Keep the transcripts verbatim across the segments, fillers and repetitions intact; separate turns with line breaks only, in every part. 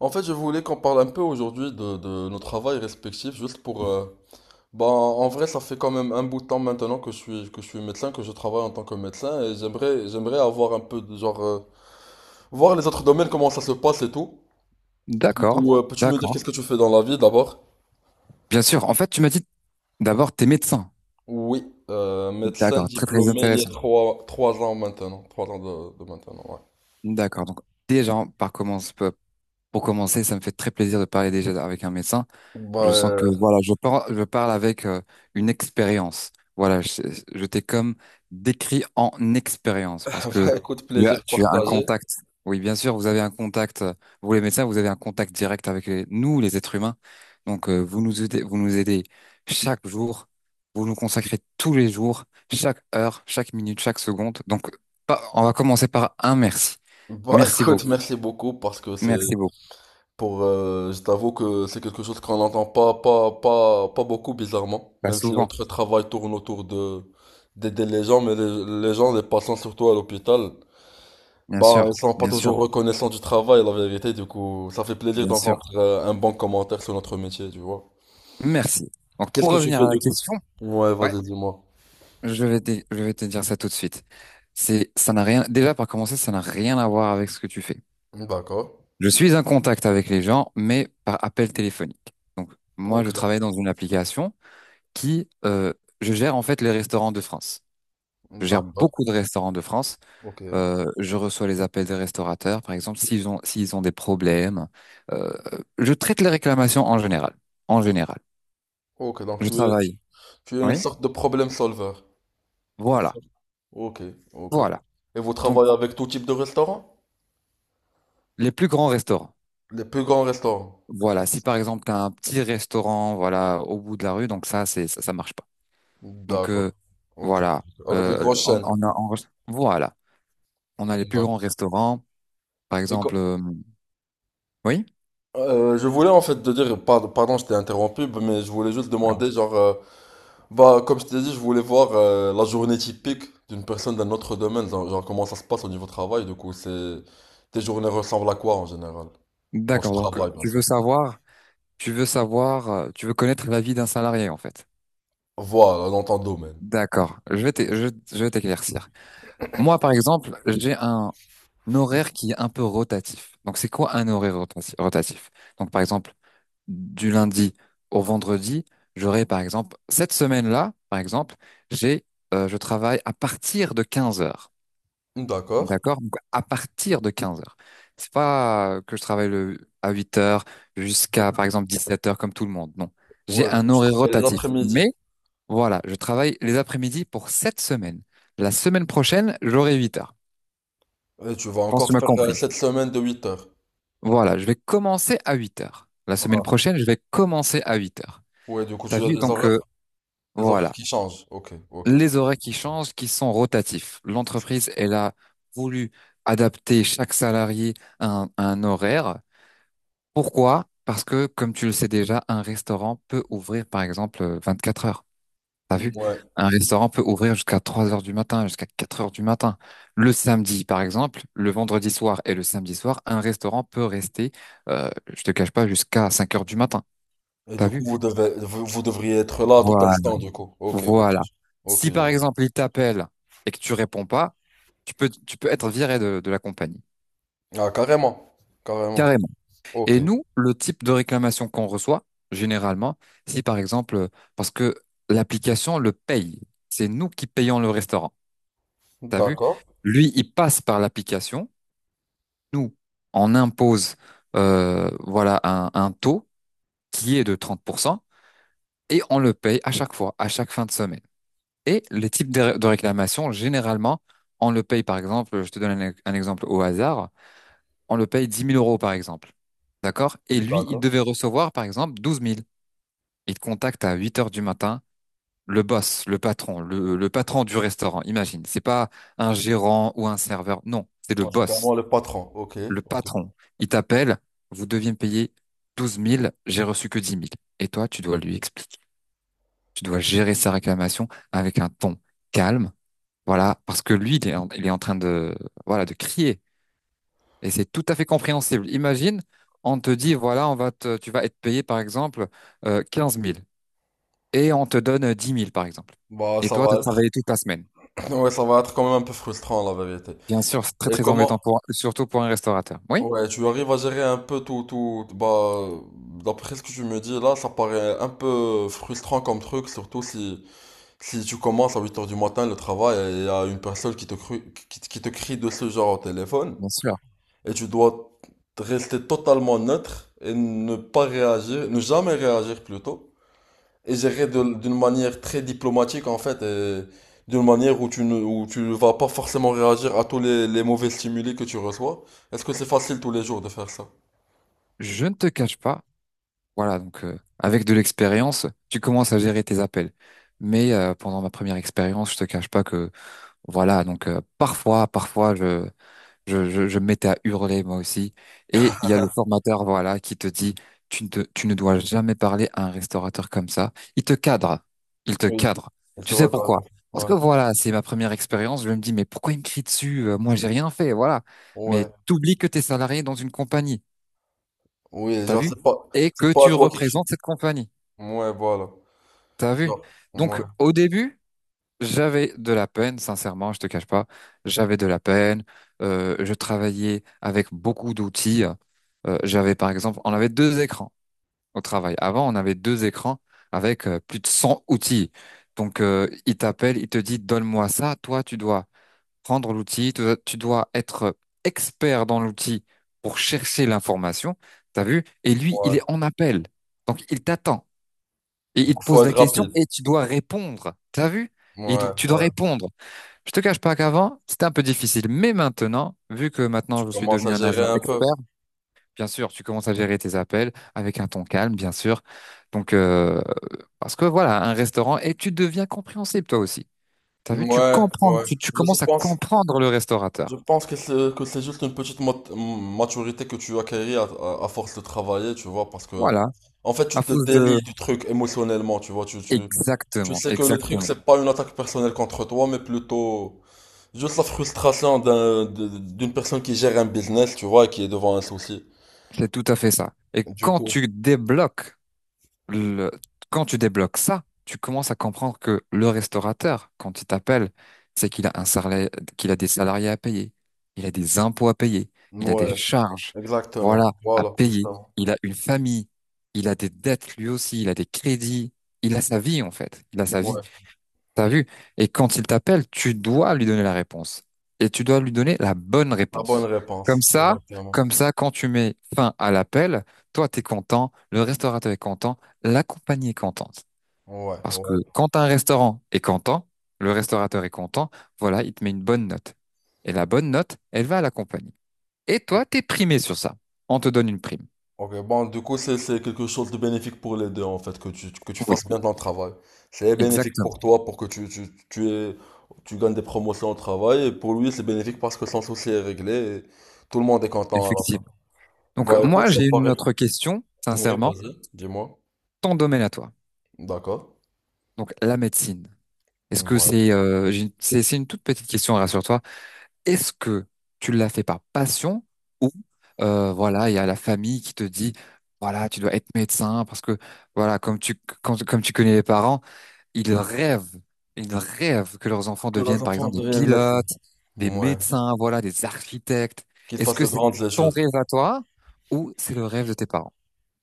En fait, je voulais qu'on parle un peu aujourd'hui de, de nos travails respectifs, juste pour... euh, bah, en vrai, ça fait quand même un bout de temps maintenant que je suis, que je suis médecin, que je travaille en tant que médecin, et j'aimerais, j'aimerais avoir un peu de genre... euh, voir les autres domaines, comment ça se passe et tout. Du
D'accord,
coup, euh, peux-tu me dire qu'est-ce
d'accord.
que tu fais dans la vie d'abord?
Bien sûr, en fait, tu m'as dit d'abord t'es médecin.
Oui, euh, médecin
D'accord, très très
diplômé il y a
intéressant.
trois, trois ans maintenant, trois ans de, de maintenant, ouais.
D'accord, donc déjà, par commence, pour commencer, ça me fait très plaisir de parler déjà avec un médecin.
Bah,
Je sens que
euh,
voilà, je parle, je parle avec euh, une expérience. Voilà, je, je t'ai comme décrit en expérience parce que
bah écoute,
tu as,
plaisir
tu as un
partagé.
contact. Oui, bien sûr, vous avez un contact. euh, Vous les médecins, vous avez un contact direct avec les- nous, les êtres humains. Donc euh, vous nous aidez, vous nous aidez chaque jour. Vous nous consacrez tous les jours, chaque heure, chaque minute, chaque seconde. Donc pas, on va commencer par un merci.
Bah
Merci
écoute,
beaucoup.
merci beaucoup parce que c'est
Merci beaucoup.
pour, euh, je t'avoue que c'est quelque chose qu'on n'entend pas, pas, pas, pas beaucoup bizarrement,
Pas
même si
souvent.
notre travail tourne autour de d'aider les gens, mais les, les gens, les patients surtout à l'hôpital,
Bien
bah ils
sûr,
sont pas
bien sûr,
toujours reconnaissants du travail, la vérité. Du coup, ça fait plaisir
bien sûr.
d'entendre euh, un bon commentaire sur notre métier, tu vois.
Merci. Donc,
Qu'est-ce
pour
que tu
revenir
fais
à la
du coup?
question,
Ouais,
ouais,
vas-y, dis-moi.
je vais te, je vais te dire ça tout de suite. C'est, ça n'a rien, déjà, par commencer, ça n'a rien à voir avec ce que tu fais.
D'accord.
Je suis en contact avec les gens, mais par appel téléphonique. Donc, moi,
Ok
je
donc.
travaille dans une application qui, euh, je gère en fait les restaurants de France. Je gère
D'accord.
beaucoup de restaurants de France.
Ok.
Euh, je reçois les appels des restaurateurs, par exemple, s'ils ont, s'ils ont des problèmes. Euh, je traite les réclamations en général. En général.
Ok donc
Je
tu es
travaille.
tu es une
Oui.
sorte de problème solver. C'est ça.
Voilà.
Ok, ok.
Voilà.
Et vous
Donc,
travaillez avec tout type de restaurant?
Les plus grands restaurants.
Les plus grands restaurants.
Voilà, si par exemple tu as un petit restaurant voilà au bout de la rue, donc ça c'est ça, ça marche pas. Donc
D'accord.
euh,
Ok.
voilà,
Avec les
euh,
grosses
on,
chaînes.
on a on- voilà, on a les plus grands
D'accord.
restaurants, par exemple euh, oui?
Euh, je voulais en fait te dire, pardon, pardon, je t'ai interrompu, mais je voulais juste demander, genre, euh, bah, comme je t'ai dit, je voulais voir euh, la journée typique d'une personne d'un autre domaine, genre, genre comment ça se passe au niveau travail, du coup, c'est... Tes journées ressemblent à quoi en général? Quand je
D'accord, donc
travaille, bien
tu
sûr.
veux savoir, tu veux savoir, euh, tu veux connaître la vie d'un salarié en fait.
Voilà, dans ton domaine.
D'accord, je vais t'é- je, je vais t'éclaircir. Moi par exemple, j'ai un horaire qui est un peu rotatif. Donc c'est quoi un horaire rotati- rotatif? Donc par exemple du lundi au vendredi, j'aurai par exemple, cette semaine-là, par exemple, j'ai, euh, je travaille à partir de quinze heures.
D'accord.
D'accord? Donc, à partir de quinze heures. C'est pas euh, que je travaille le, à huit heures jusqu'à, par exemple, dix-sept heures comme tout le monde. Non. J'ai
Ouais, du coup,
un
tu
horaire
travailles les
rotatif. Mais
après-midi.
voilà, je travaille les après-midi pour cette semaine. La semaine prochaine, j'aurai huit heures.
Et tu vas
Je pense que tu
encore
m'as
faire euh,
compris.
cette semaine de huit heures.
Voilà, je vais commencer à huit heures. La semaine
Ah.
prochaine, je vais commencer à huit heures.
Ouais, du coup,
T'as
tu as
vu?
des
Donc,
horaires?
euh,
Les horaires
voilà.
qui changent, ok, ok.
Les horaires qui changent, qui sont rotatifs. L'entreprise, elle a voulu adapter chaque salarié à un, à un horaire. Pourquoi? Parce que, comme tu le sais déjà, un restaurant peut ouvrir, par exemple, euh, quatre heures. T'as vu?
Ouais.
Un restaurant peut ouvrir jusqu'à trois heures du matin, jusqu'à quatre heures du matin. Le samedi, par exemple, le vendredi soir et le samedi soir, un restaurant peut rester, euh, je te cache pas, jusqu'à cinq heures du matin.
Et
T'as
du coup,
vu?
vous devez, vous, vous devriez être là à tout
Voilà.
instant, du coup. Ok, ok.
Voilà.
Ok,
Si,
je
par
vois.
exemple, il t'appelle et que tu réponds pas, Tu peux, tu peux être viré de, de la compagnie,
Ah, carrément. Carrément.
carrément.
Ok.
Et nous, le type de réclamation qu'on reçoit, généralement, si par exemple, parce que l'application le paye, c'est nous qui payons le restaurant. T'as vu?
D'accord.
Lui, il passe par l'application. Nous, on impose, euh, voilà, un, un taux qui est de trente pour cent et on le paye à chaque fois, à chaque fin de semaine. Et les types de, ré- de réclamations, généralement, on le paye, par exemple, je te donne un, e- un exemple au hasard. On le paye dix mille euros par exemple. D'accord? Et lui, il
D'accord.
devait recevoir par exemple douze mille. Il te contacte à huit heures du matin, le boss, le patron, le, le patron du restaurant, imagine. C'est pas un gérant ou un serveur, non, c'est le
Ouais, c'est
boss,
carrément le patron. Ok,
le
ok.
patron. Il t'appelle, vous deviez me payer douze mille. J'ai reçu que dix mille. Et toi, tu dois lui expliquer. Tu dois gérer sa réclamation avec un ton calme. Voilà, parce que lui, il est en, il est en train de, voilà, de crier. Et c'est tout à fait compréhensible. Imagine, on te dit, voilà, on va te, tu vas être payé, par exemple, euh, quinze mille et on te donne dix mille, par exemple.
Bah,
Et
ça
toi, tu as
va être,
travaillé toute la semaine.
ouais, ça va être quand même un peu frustrant, la vérité.
Bien sûr, c'est très,
Et
très
comment,
embêtant, pour, surtout pour un restaurateur. Oui,
ouais, tu arrives à gérer un peu tout, tout, bah, d'après ce que tu me dis, là, ça paraît un peu frustrant comme truc, surtout si, si tu commences à huit heures du matin le travail et il y a une personne qui te, cru- qui, qui te crie de ce genre au téléphone
bien sûr.
et tu dois rester totalement neutre et ne pas réagir, ne jamais réagir plutôt et gérer de- d'une manière très diplomatique en fait et d'une manière où tu ne, où tu ne vas pas forcément réagir à tous les, les mauvais stimuli que tu reçois. Est-ce que c'est facile tous les jours de faire ça?
Je ne te cache pas, voilà, donc euh, avec de l'expérience, tu commences à gérer tes appels. Mais euh, pendant ma première expérience, je te cache pas que, voilà, donc euh, parfois, parfois, je, Je, je, je me mettais à hurler moi aussi. Et il y a le formateur, voilà, qui te dit, tu ne, te- tu ne dois jamais parler à un restaurateur comme ça. Il te cadre. Il te
Oui.
cadre.
Elle te
Tu sais pourquoi?
regarde.
Parce
Ouais.
que voilà, c'est ma première expérience. Je me dis, mais pourquoi il me crie dessus? Euh, Moi, j'ai rien fait, voilà. Mais
Ouais.
t'oublies que t'es salarié dans une compagnie.
Oui,
T'as
genre
vu?
c'est pas
Et
c'est
que
pas à
tu
toi qui crie.
représentes cette compagnie.
Ouais, voilà.
T'as vu?
Genre,
Donc,
ouais.
au début, J'avais de la peine, sincèrement, je te cache pas. J'avais de la peine. Euh, je travaillais avec beaucoup d'outils. Euh, j'avais par exemple, on avait deux écrans au travail. Avant, on avait deux écrans avec euh, plus de cent outils. Donc, euh, il t'appelle, il te dit, donne-moi ça. Toi, tu dois prendre l'outil, tu dois tu dois être expert dans l'outil pour chercher l'information. T'as vu? Et lui, il
Ouais.
est en appel. Donc, il t'attend et il
Donc,
te
faut
pose la
être
question
rapide.
et tu dois répondre. T'as vu? Et il
Ouais,
do- tu dois
ouais.
répondre. Je te cache pas qu'avant, c'était un peu difficile, mais maintenant, vu que
Tu
maintenant je suis
commences à
devenu un agent
gérer un peu.
expert, bien sûr, tu commences à gérer tes appels avec un ton calme, bien sûr. Donc, euh, parce que voilà, un restaurant, et tu deviens compréhensible toi aussi. T'as vu, tu
Ouais,
comprends,
ouais.
tu, tu
Je je
commences à
pense,
comprendre le
je
restaurateur.
pense que c'est que c'est juste une petite mat- maturité que tu acquéris à, à- à force de travailler, tu vois, parce que
Voilà,
en fait, tu
à
te
cause de...
délies du truc émotionnellement, tu vois, tu, tu, tu
Exactement,
sais que le truc,
exactement.
c'est pas une attaque personnelle contre toi, mais plutôt juste la frustration d'un, de- d'une personne qui gère un business, tu vois, et qui est devant un souci.
C'est tout à fait ça. Et
Du
quand
coup,
tu débloques le- quand tu débloques ça, tu commences à comprendre que le restaurateur, quand il t'appelle, c'est qu'il a un salaire, qu'il a des salariés à payer, il a des impôts à payer, il a des
ouais,
charges,
exactement.
voilà, à
Voilà,
payer,
justement.
il a une famille, il a des dettes lui aussi, il a des crédits, il a sa vie en fait, il a sa vie.
Ouais.
T'as vu? Et quand il t'appelle, tu dois lui donner la réponse. Et tu dois lui donner la bonne
La bonne
réponse.
réponse,
Comme ça,
exactement.
comme ça, quand tu mets fin à l'appel, toi, t'es content, le restaurateur est content, la compagnie est contente.
Ouais,
Parce que
ouais.
quand un restaurant est content, le restaurateur est content, voilà, il te met une bonne note. Et la bonne note, elle va à la compagnie. Et toi, t'es primé sur ça. On te donne une prime.
Ok, bon, du coup, c'est c'est quelque chose de bénéfique pour les deux, en fait, que tu, que tu
Oui,
fasses bien ton travail. C'est bénéfique
exactement.
pour toi, pour que tu, tu, tu aies- tu gagnes des promotions au travail, et pour lui, c'est bénéfique parce que son souci est réglé, et tout le monde est content à la fin.
Effectivement. Donc,
Bah, écoute,
moi,
ça
j'ai une
paraît.
autre question,
Oui,
sincèrement.
vas-y, dis-moi.
Ton domaine à toi.
D'accord.
Donc, la médecine. Est-ce que
Ouais.
c'est euh, j'ai c'est c'est une toute petite question, rassure-toi. Est-ce que tu l'as fait par passion ou euh, voilà, il y a la famille qui te dit voilà, tu dois être médecin parce que voilà, comme tu quand- comme tu connais les parents, ils rêvent, ils rêvent que leurs enfants
Que la
deviennent par
chanson
exemple des
devienne médecin.
pilotes, des
Ouais.
médecins, voilà, des architectes.
Qu'il
Est-ce
fasse
que
de
c'est
grandes
ton
études.
rêve à toi ou c'est le rêve de tes parents?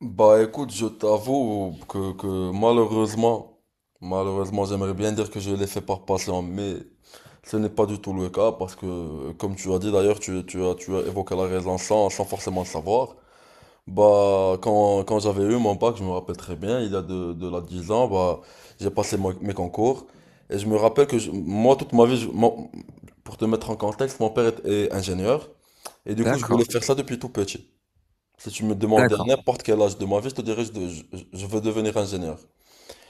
Bah écoute, je t'avoue que, que malheureusement, malheureusement, j'aimerais bien dire que je l'ai fait par passion, mais ce n'est pas du tout le cas parce que, comme tu as dit d'ailleurs, tu, tu as, tu as évoqué la raison sans, sans forcément le savoir. Bah, quand, quand j'avais eu mon bac, je me rappelle très bien, il y a de, de là dix ans, bah, j'ai passé mo- mes concours et je me rappelle que je- moi, toute ma vie, je- mon- pour te mettre en contexte, mon père est est ingénieur et du coup, je voulais
D'accord,
faire ça depuis tout petit. Si tu me demandais à
d'accord,
n'importe quel âge de ma vie, je te dirais je, de- je, je veux devenir ingénieur.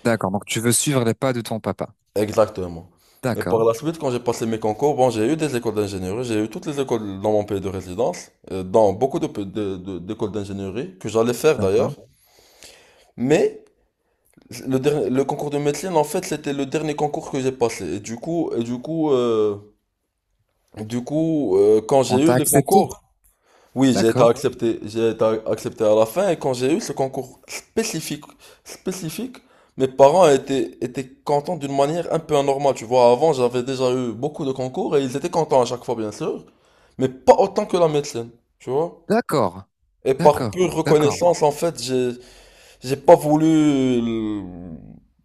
d'accord. Donc tu veux suivre les pas de ton papa.
Exactement. Mais par
D'accord,
la suite, quand j'ai passé mes concours, bon, j'ai eu des écoles d'ingénierie, j'ai eu toutes les écoles dans mon pays de résidence, euh, dans beaucoup de, pe- de- de- d'écoles d'ingénierie, que j'allais faire d'ailleurs.
d'accord.
Mais le, dernier- le concours de médecine, en fait, c'était le dernier concours que j'ai passé. Et du coup, et du coup, euh, du coup euh, Quand
On
j'ai eu
t'a
les
accepté.
concours, oui, j'ai été
D'accord.
accepté, j'ai été accepté à la fin et quand j'ai eu ce concours spécifique, spécifique, mes parents étaient, étaient contents d'une manière un peu anormale. Tu vois, avant, j'avais déjà eu beaucoup de concours et ils étaient contents à chaque fois, bien sûr, mais pas autant que la médecine, tu vois.
D'accord,
Et par
d'accord,
pure
d'accord,
reconnaissance, en fait, j'ai, j'ai pas voulu, euh,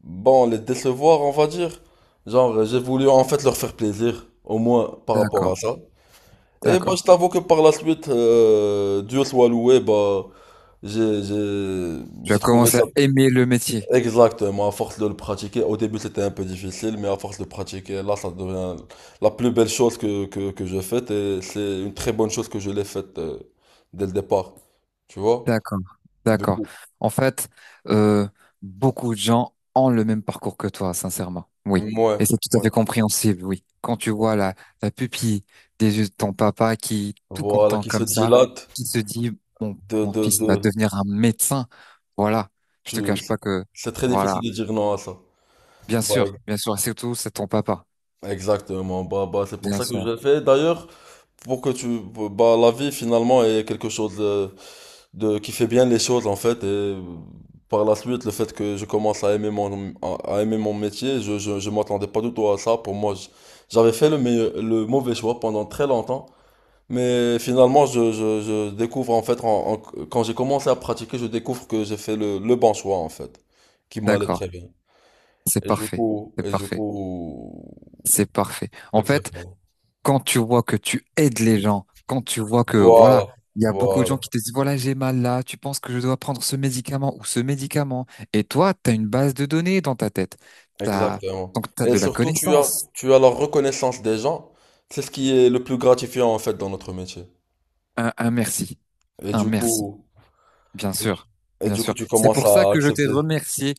bon, les décevoir, on va dire. Genre, j'ai voulu en fait leur faire plaisir, au moins par rapport à
d'accord,
ça. Et moi, je
d'accord.
t'avoue que par la suite, euh, Dieu soit loué, bah, j'ai, j'ai,
Tu
j'ai
as
trouvé
commencé à
ça
aimer le métier.
exactement à force de le pratiquer. Au début, c'était un peu difficile, mais à force de pratiquer, là, ça devient la plus belle chose que, que, que je fais. Et c'est une très bonne chose que je l'ai faite euh, dès le départ. Tu vois?
D'accord,
Du
d'accord.
coup,
En fait, euh, beaucoup de gens ont le même parcours que toi, sincèrement. Oui.
ouais,
Et c'est tout à
ouais.
fait compréhensible, oui. Quand tu vois la, la pupille des yeux de ton papa qui, tout
Voilà,
content
qui se
comme ça,
dilate
qui se dit, mon,
de,
mon
de,
fils va
de,
devenir un médecin. Voilà. Je
tu,
te cache pas que,
c'est très
voilà.
difficile de dire non à ça.
Bien
Bah,
sûr, bien sûr. Et Surtout, c'est ton papa.
exactement. Bah, bah, c'est pour
Bien
ça que je
sûr.
l'ai fait d'ailleurs, pour que tu bah la vie finalement est quelque chose de, de qui fait bien les choses en fait et euh, par la suite le fait que je commence à aimer mon à à aimer mon métier je je je m'attendais pas du tout à ça pour moi je- j'avais fait le meilleur- le mauvais choix pendant très longtemps mais finalement je je je découvre en fait en, en- quand j'ai commencé à pratiquer je découvre que j'ai fait le le bon choix en fait qui m'allait
D'accord.
très bien
C'est
et du
parfait.
coup
C'est
et du
parfait.
coup
C'est parfait. En fait,
exactement
quand tu vois que tu aides les gens, quand tu vois que, voilà,
voilà
il y a beaucoup de gens
voilà.
qui te disent, voilà, j'ai mal là, tu penses que je dois prendre ce médicament ou ce médicament, et toi, tu as une base de données dans ta tête. T'as,
Exactement.
donc, tu as
Et
de la
surtout, tu as,
connaissance.
tu as la reconnaissance des gens. C'est ce qui est le plus gratifiant en fait dans notre métier.
Un, un merci.
Et
Un
du
merci.
coup,
Bien
et du
sûr.
et
Bien
du coup,
sûr.
tu
C'est
commences
pour ça
à
que je t'ai
accepter.
remercié.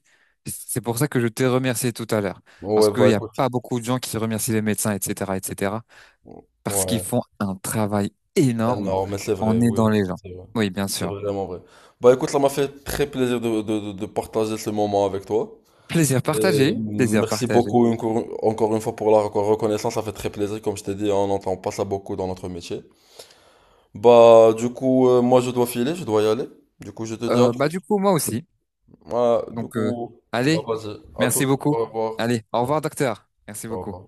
C'est pour ça que je t'ai remercié tout à l'heure. Parce
Ouais,
qu'il
bah
n'y a
écoute,
pas beaucoup de gens qui remercient les médecins, et cetera, et cetera parce qu'ils
ouais,
font un travail énorme
énorme, mais c'est
en
vrai, oui,
aidant les gens.
c'est vrai.
Oui, bien
C'est
sûr.
vraiment vrai. Bah écoute, ça m'a fait très plaisir de, de, de de partager ce moment avec toi.
Plaisir
Et
partagé, plaisir
merci
partagé.
beaucoup encore encore une fois pour la reco- reconnaissance, ça fait très plaisir. Comme je t'ai dit, on n'entend pas ça beaucoup dans notre métier. Bah, du coup, euh, moi, je dois filer, je dois y aller. Du coup, je te dis à
Euh,
tout.
bah du coup, moi aussi.
Ouais, du
Donc, euh,
coup, bah,
allez,
vas-y, à tout.
merci beaucoup.
Au revoir.
Allez, au revoir, docteur. Merci
Au
beaucoup.
revoir.